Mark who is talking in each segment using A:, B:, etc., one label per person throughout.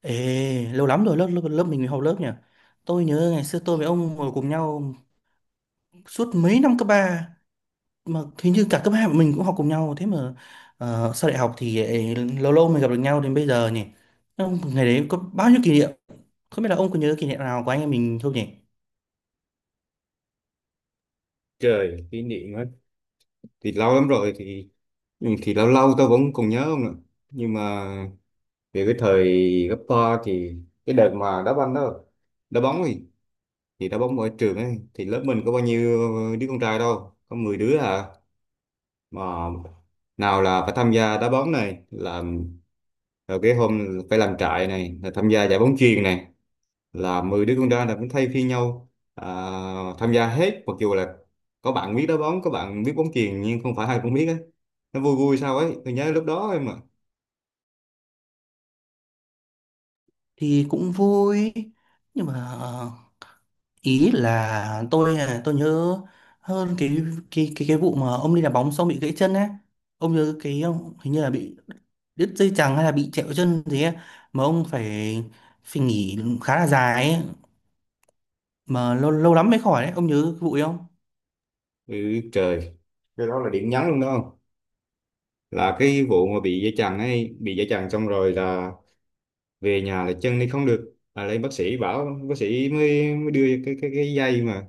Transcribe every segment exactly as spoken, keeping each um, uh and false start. A: Ê, lâu lắm rồi lớp lớp, lớp mình học lớp nhỉ. Tôi nhớ ngày xưa tôi với ông ngồi cùng nhau suốt mấy năm cấp ba, mà hình như cả cấp hai mình cũng học cùng nhau. Thế mà ờ, sau đại học thì ấy, lâu lâu mới gặp được nhau đến bây giờ nhỉ. Ông ngày đấy có bao nhiêu kỷ niệm? Không biết là ông có nhớ kỷ niệm nào của anh em mình không nhỉ?
B: Trời, kỷ niệm á thì lâu lắm rồi thì ừ, thì lâu lâu tôi vẫn còn nhớ không ạ. Nhưng mà về cái thời cấp ba thì cái đợt mà đá banh đó, đá bóng thì thì đá bóng ở trường ấy, thì lớp mình có bao nhiêu đứa con trai đâu, có mười đứa à. Mà nào là phải tham gia đá bóng này, làm rồi cái hôm phải làm trại này, là tham gia giải bóng chuyền này. Là mười đứa con trai là cũng thay phiên nhau à, tham gia hết, mặc dù là có bạn biết đá bóng có bạn biết bóng chuyền nhưng không phải ai cũng biết ấy, nó vui vui sao ấy, tôi nhớ lúc đó em mà.
A: Thì cũng vui, nhưng mà ờ, ý là tôi à, tôi nhớ hơn cái cái cái cái vụ mà ông đi đá bóng xong bị gãy chân á, ông nhớ cái ông hình như là bị đứt dây chằng hay là bị trẹo chân gì ấy, mà ông phải phải nghỉ khá là dài ấy, mà lâu lâu lắm mới khỏi đấy, ông nhớ cái vụ ấy không?
B: Ừ, trời, cái đó là điểm nhấn luôn đó không, là cái vụ mà bị dây chằng ấy, bị dây chằng xong rồi là về nhà là chân đi không được, là lên bác sĩ bảo, bác sĩ mới, mới đưa cái cái cái dây mà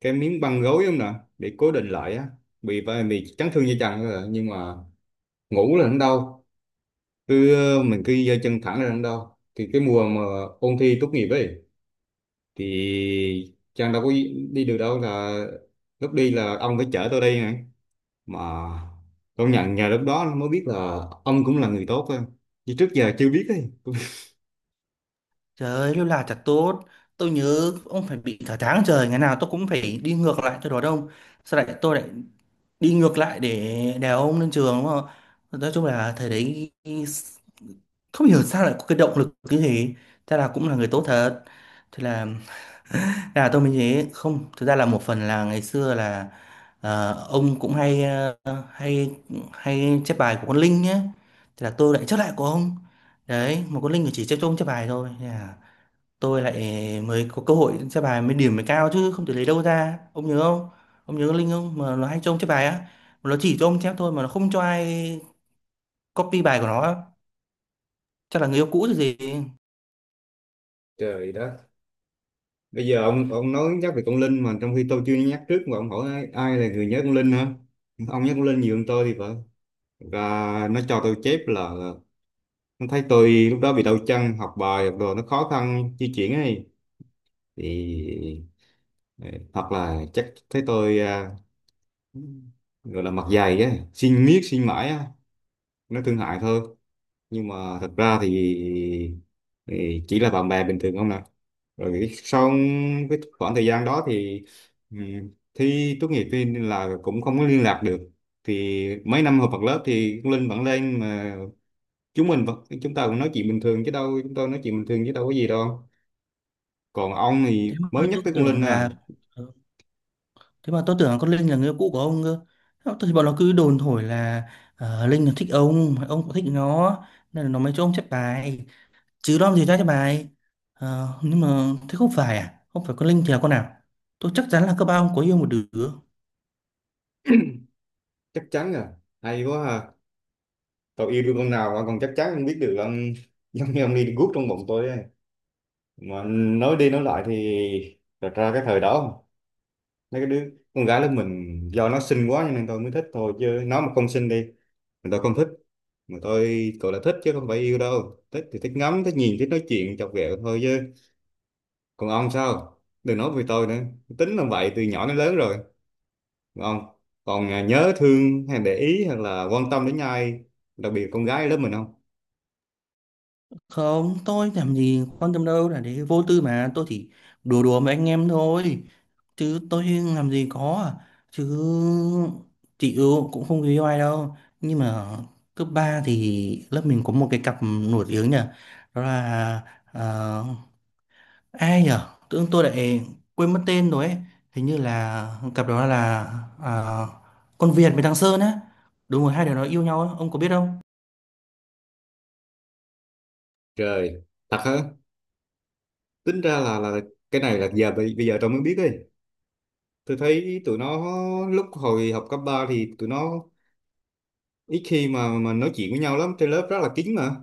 B: cái miếng băng gối không nè, để cố định lại á, bị bị chấn thương dây chằng thôi à. Nhưng mà ngủ là nó đau, cứ ờ, mình cứ giơ chân thẳng ra đằng đâu, thì cái mùa mà ôn thi tốt nghiệp ấy thì Trang đâu có đi được đâu, là lúc đi là ông phải chở tôi đi này. Mà công nhận nhờ lúc đó mới biết là ông cũng là người tốt á, chứ trước giờ chưa biết ấy.
A: Trời ơi, lâu là thật tốt. Tôi nhớ ông phải bị cả tháng trời, ngày nào tôi cũng phải đi ngược lại cho đó đông, sau lại tôi lại đi ngược lại để đèo ông lên trường đúng không? Nói chung là thời đấy không hiểu sao lại có cái động lực như thế, thế là cũng là người tốt thật. Thế là là tôi mới thế, không, thực ra là một phần là ngày xưa là ờ, ông cũng hay ờ, hay hay chép bài của con Linh nhé, thế là tôi lại chép lại của ông đấy. Mà con Linh chỉ chép cho ông chép bài thôi, thế là tôi lại mới có cơ hội chép bài, mới điểm mới cao chứ không thể lấy đâu ra, ông nhớ không? Ông nhớ con Linh không, mà nó hay cho ông chép bài á, mà nó chỉ cho ông chép thôi, mà nó không cho ai copy bài của nó á. Chắc là người yêu cũ rồi gì.
B: Trời đất, bây giờ ông ông nói nhắc về con Linh, mà trong khi tôi chưa nhắc trước mà ông hỏi ai, ai là người nhớ con Linh hả? Ông nhắc con Linh nhiều hơn tôi thì phải. Và nó cho tôi chép là nó thấy tôi lúc đó bị đau chân, học bài học đồ nó khó khăn di chuyển ấy, thì hoặc là chắc thấy tôi à, gọi là mặt dày á, xin miết xin mãi á, nó thương hại thôi. Nhưng mà thật ra thì, thì chỉ là bạn bè bình thường không nè. Rồi sau cái khoảng thời gian đó thì ừm, thi tốt nghiệp thì là cũng không có liên lạc được. Thì mấy năm học bằng lớp thì con Linh vẫn lên mà, chúng mình vẫn chúng ta cũng nói chuyện bình thường chứ đâu, chúng tôi nói chuyện bình thường chứ đâu có gì đâu. Còn ông thì
A: Thế mà
B: mới nhắc
A: tôi
B: tới con Linh
A: tưởng
B: à.
A: là ờ, thế mà tôi tưởng là con Linh là người yêu cũ của ông cơ. Thế thì bọn nó cứ đồn thổi là ờ, Linh là thích ông ông cũng thích nó, nên là nó mới cho ông chép bài, chứ đó làm gì ra chép bài. Ờ, nhưng mà thế không phải à, không phải con Linh thì là con nào? Tôi chắc chắn là cấp ba ông có yêu một đứa.
B: Chắc chắn à? Hay quá à! Tôi yêu đương con nào mà còn chắc chắn không biết được ông, giống như ông đi guốc trong bụng tôi ấy. Mà nói đi nói lại thì thật ra cái thời đó, mấy cái đứa con gái lớp mình do nó xinh quá cho nên tôi mới thích thôi, chứ nó mà không xinh đi thì tôi không thích. Mà tôi gọi là thích chứ không phải yêu đâu, thích thì thích ngắm thích nhìn thích nói chuyện chọc ghẹo thôi chứ. Còn ông sao, đừng nói về tôi nữa, tính là vậy từ nhỏ đến lớn rồi. Còn ông còn à, nhớ thương hay để ý hay là quan tâm đến ai, đặc biệt con gái lớp mình không?
A: Không, tôi làm gì quan tâm đâu, là để vô tư mà, tôi chỉ đùa đùa với anh em thôi, chứ tôi làm gì có à. Chứ chị Ưu cũng không yêu ai đâu, nhưng mà cấp ba thì lớp mình có một cái cặp nổi tiếng nhỉ, đó là ờ, ai nhỉ, tự dưng tôi lại quên mất tên rồi ấy. Hình như là cặp đó là ờ, con Việt với thằng Sơn á, đúng rồi, hai đứa nó yêu nhau á, ông có biết không?
B: Trời, thật hả? Tính ra là là cái này là giờ bây bây giờ tao mới biết ấy. Tôi thấy tụi nó lúc hồi học cấp ba thì tụi nó ít khi mà mà nói chuyện với nhau lắm, trên lớp rất là kín mà,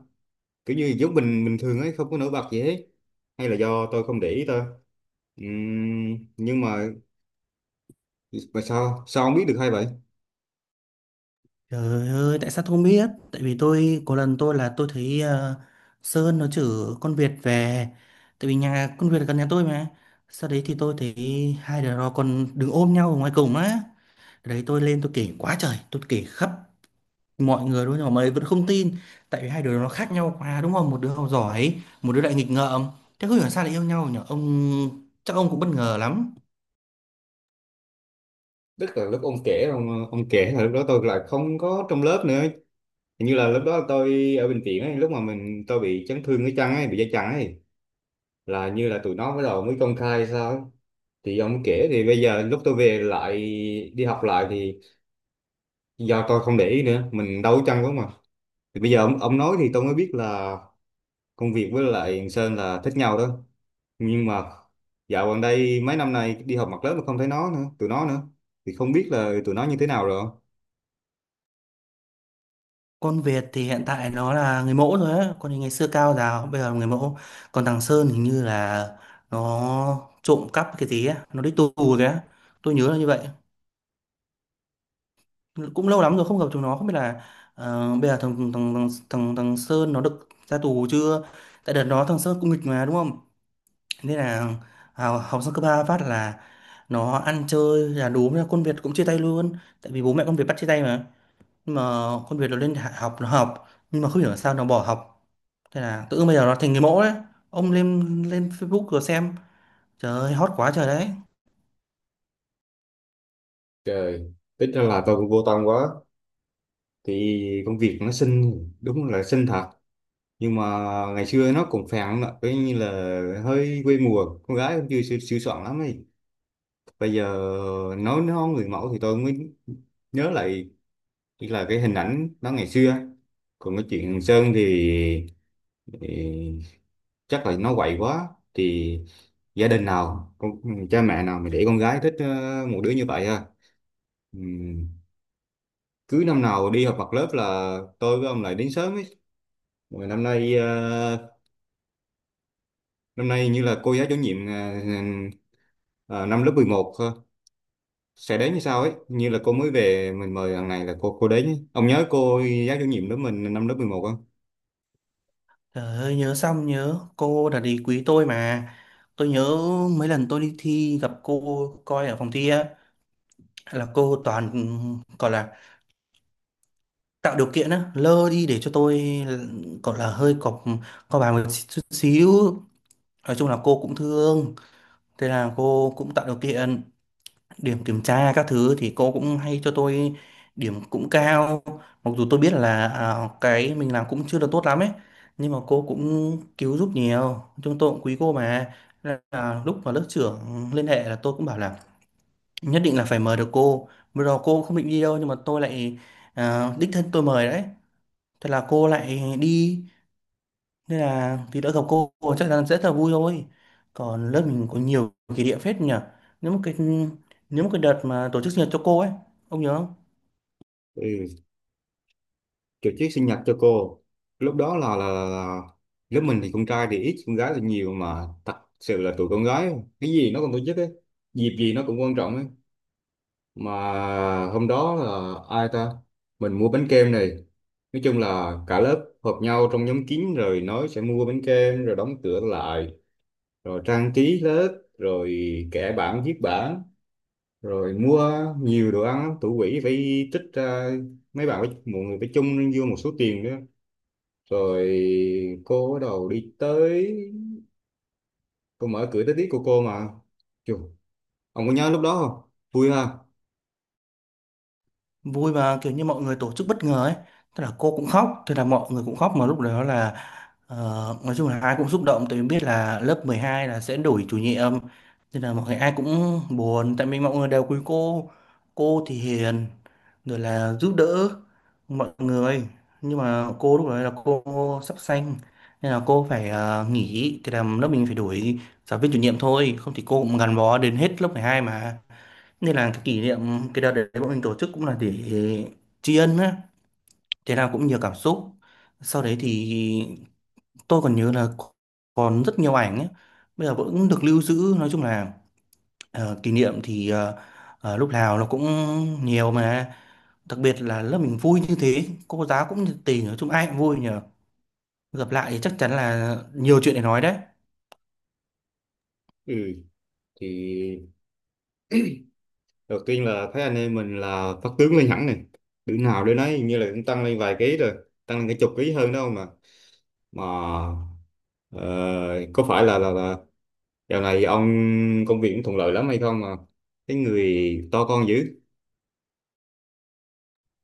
B: kiểu như giống mình bình thường ấy, không có nổi bật gì hết, hay là do tôi không để ý thôi. Ừm, nhưng mà mà sao sao ông biết được hay vậy?
A: Trời ơi, tại sao tôi không biết? Tại vì tôi, có lần tôi là tôi thấy ờ, Sơn nó chửi con Việt về. Tại vì nhà con Việt là gần nhà tôi mà. Sau đấy thì tôi thấy hai đứa nó còn đứng ôm nhau ở ngoài cổng á. Đấy, tôi lên tôi kể quá trời, tôi kể khắp mọi người luôn, nhưng mà mọi người vẫn không tin. Tại vì hai đứa nó khác nhau quá đúng không? Một đứa học giỏi, một đứa lại nghịch ngợm. Thế không hiểu sao lại yêu nhau nhỉ? Ông, chắc ông cũng bất ngờ lắm.
B: Tức là lúc ông kể, ông ông kể là lúc đó tôi lại không có trong lớp nữa, hình như là lúc đó tôi ở bệnh viện ấy, lúc mà mình tôi bị chấn thương cái chân ấy, bị dây chằng ấy, là như là tụi nó bắt đầu mới công khai sao ấy, thì ông kể. Thì bây giờ lúc tôi về lại đi học lại thì do tôi không để ý nữa, mình đâu có chăng quá mà. Thì bây giờ ông, ông nói thì tôi mới biết là công việc với lại thằng Sơn là thích nhau đó. Nhưng mà dạo gần đây mấy năm nay đi học mặt lớp mà không thấy nó nữa, tụi nó nữa, thì không biết là tụi nó như thế nào rồi.
A: Con Việt thì hiện tại nó là người mẫu rồi á, còn thì ngày xưa cao giáo, bây giờ là người mẫu. Còn thằng Sơn hình như là nó trộm cắp cái gì á, nó đi tù rồi á. Tôi nhớ là như vậy. Cũng lâu lắm rồi không gặp chúng nó, không biết là ờ, bây giờ thằng thằng, thằng thằng thằng Sơn nó được ra tù chưa? Tại đợt đó thằng Sơn cũng nghịch mà đúng không? Nên là học, học xong cấp ba phát là nó ăn chơi, là đúng là con Việt cũng chia tay luôn, tại vì bố mẹ con Việt bắt chia tay mà. Nhưng mà con Việt nó lên hạ- học nó học, nhưng mà không hiểu là sao nó bỏ học. Thế là tự dưng bây giờ nó thành người mẫu đấy. Ông lên lên Facebook rồi xem. Trời ơi, hot quá trời đấy.
B: Trời, ít ra là tôi cũng vô tâm quá thì công việc nó xinh, đúng là xinh thật, nhưng mà ngày xưa nó cũng phèn lắm ạ, coi như là hơi quê mùa, con gái cũng chưa sửa soạn lắm ấy. Bây giờ nói nó người mẫu thì tôi mới nhớ lại là cái hình ảnh nó ngày xưa. Còn cái chuyện Hằng Sơn thì, thì chắc là nó quậy quá thì gia đình nào con, cha mẹ nào mà để con gái thích ờ, một đứa như vậy ha. Ừm, cứ năm nào đi họp mặt lớp là tôi với ông lại đến sớm ấy. Rồi năm nay ờ, năm nay như là cô giáo chủ nhiệm ờ, ờ, năm lớp mười một sẽ đến như sau ấy, như là cô mới về mình mời thằng này là cô cô đến ấy. Ông nhớ cô giáo chủ nhiệm lớp mình năm lớp mười một không?
A: Trời ơi, nhớ, xong nhớ cô là đi quý tôi mà. Tôi nhớ mấy lần tôi đi thi gặp cô coi ở phòng thi á, là cô toàn gọi là tạo điều kiện á, lơ đi để cho tôi gọi là hơi cọc co bài một chút xíu. Nói chung là cô cũng thương, thế là cô cũng tạo điều kiện. Điểm kiểm tra các thứ thì cô cũng hay cho tôi điểm cũng cao, mặc dù tôi biết là à, cái mình làm cũng chưa được tốt lắm ấy, nhưng mà cô cũng cứu giúp nhiều, chúng tôi cũng quý cô mà. Nên là lúc mà lớp trưởng liên hệ là tôi cũng bảo là nhất định là phải mời được cô. Bây giờ cô không định đi đâu, nhưng mà tôi lại à, đích thân tôi mời đấy, thế là cô lại đi. Nên là thì đỡ, gặp cô chắc chắn sẽ rất là vui thôi. Còn lớp mình có nhiều kỷ niệm phết nhỉ. nếu một cái Nếu một cái đợt mà tổ chức sinh nhật cho cô ấy, ông nhớ không?
B: Ừ, tổ chức sinh nhật cho cô lúc đó là, là, là lớp mình thì con trai thì ít con gái thì nhiều, mà thật sự là tụi con gái cái gì nó cũng tổ chức ấy, dịp gì nó cũng quan trọng ấy. Mà hôm đó là ai ta, mình mua bánh kem này, nói chung là cả lớp họp nhau trong nhóm kín rồi nói sẽ mua bánh kem rồi đóng cửa lại, rồi trang trí lớp, rồi kẻ bảng viết bảng, rồi mua nhiều đồ ăn lắm. Thủ quỹ phải tích ra, mấy bạn phải, mọi người phải chung vô một số tiền nữa, rồi cô bắt đầu đi tới, cô mở cửa tới tiếp của cô mà. Chù, ông có nhớ lúc đó không, vui ha?
A: Vui mà, kiểu như mọi người tổ chức bất ngờ ấy, tức là cô cũng khóc, thế là mọi người cũng khóc. Mà lúc đó là ờ, nói chung là ai cũng xúc động, tại vì biết là lớp mười hai là sẽ đổi chủ nhiệm, nên là mọi người ai cũng buồn, tại vì mọi người đều quý cô. Cô thì hiền rồi là giúp đỡ mọi người, nhưng mà cô lúc đấy là cô sắp sanh nên là cô phải ờ, nghỉ, thì làm lớp mình phải đổi giáo viên chủ nhiệm thôi, không thì cô cũng gắn bó đến hết lớp mười hai mà. Nên là cái kỷ niệm cái đợt đấy bọn mình tổ chức cũng là để tri ân á, thế nào cũng nhiều cảm xúc. Sau đấy thì tôi còn nhớ là còn rất nhiều ảnh ấy. Bây giờ vẫn được lưu giữ. Nói chung là ờ, kỷ niệm thì ờ, ờ, lúc nào nó cũng nhiều mà. Đặc biệt là lớp mình vui như thế, cô giáo cũng nhiệt tình, nói chung ai cũng vui nhờ. Gặp lại thì chắc chắn là nhiều chuyện để nói đấy.
B: Ừ thì đầu tiên là thấy anh em mình là phát tướng lên hẳn này, đứa nào đứa nấy hình như là cũng tăng lên vài ký rồi, tăng lên cả chục ký hơn đâu mà. Mà ờ, có phải là là là dạo này ông công việc cũng thuận lợi lắm hay không mà cái người to con dữ?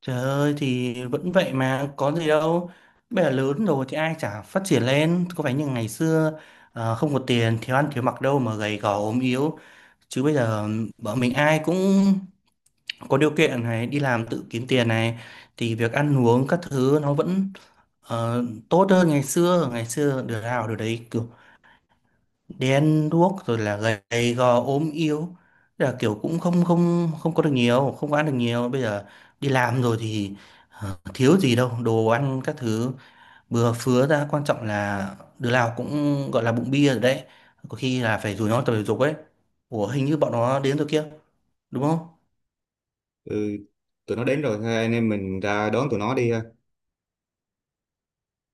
A: Trời ơi, thì vẫn vậy mà có gì đâu. Bây giờ lớn rồi thì ai chả phát triển lên, có phải như ngày xưa ờ, không có tiền, thiếu ăn thiếu mặc đâu mà gầy gò ốm yếu. Chứ bây giờ bọn mình ai cũng có điều kiện này, đi làm tự kiếm tiền này, thì việc ăn uống các thứ nó vẫn ờ, tốt hơn ngày xưa. Ngày xưa được nào được đấy, đen đuốc rồi là gầy gò ốm yếu. Thế là kiểu cũng không không không có được nhiều, không có ăn được nhiều. Bây giờ đi làm rồi thì ờ, thiếu gì đâu đồ ăn các thứ, bừa phứa ra. Quan trọng là đứa nào cũng gọi là bụng bia rồi đấy, có khi là phải rủ nhau tập thể dục ấy. Ủa, hình như bọn nó đến rồi kia đúng không?
B: Ừ, tụi nó đến rồi, thôi anh em mình ra đón tụi nó đi, ha.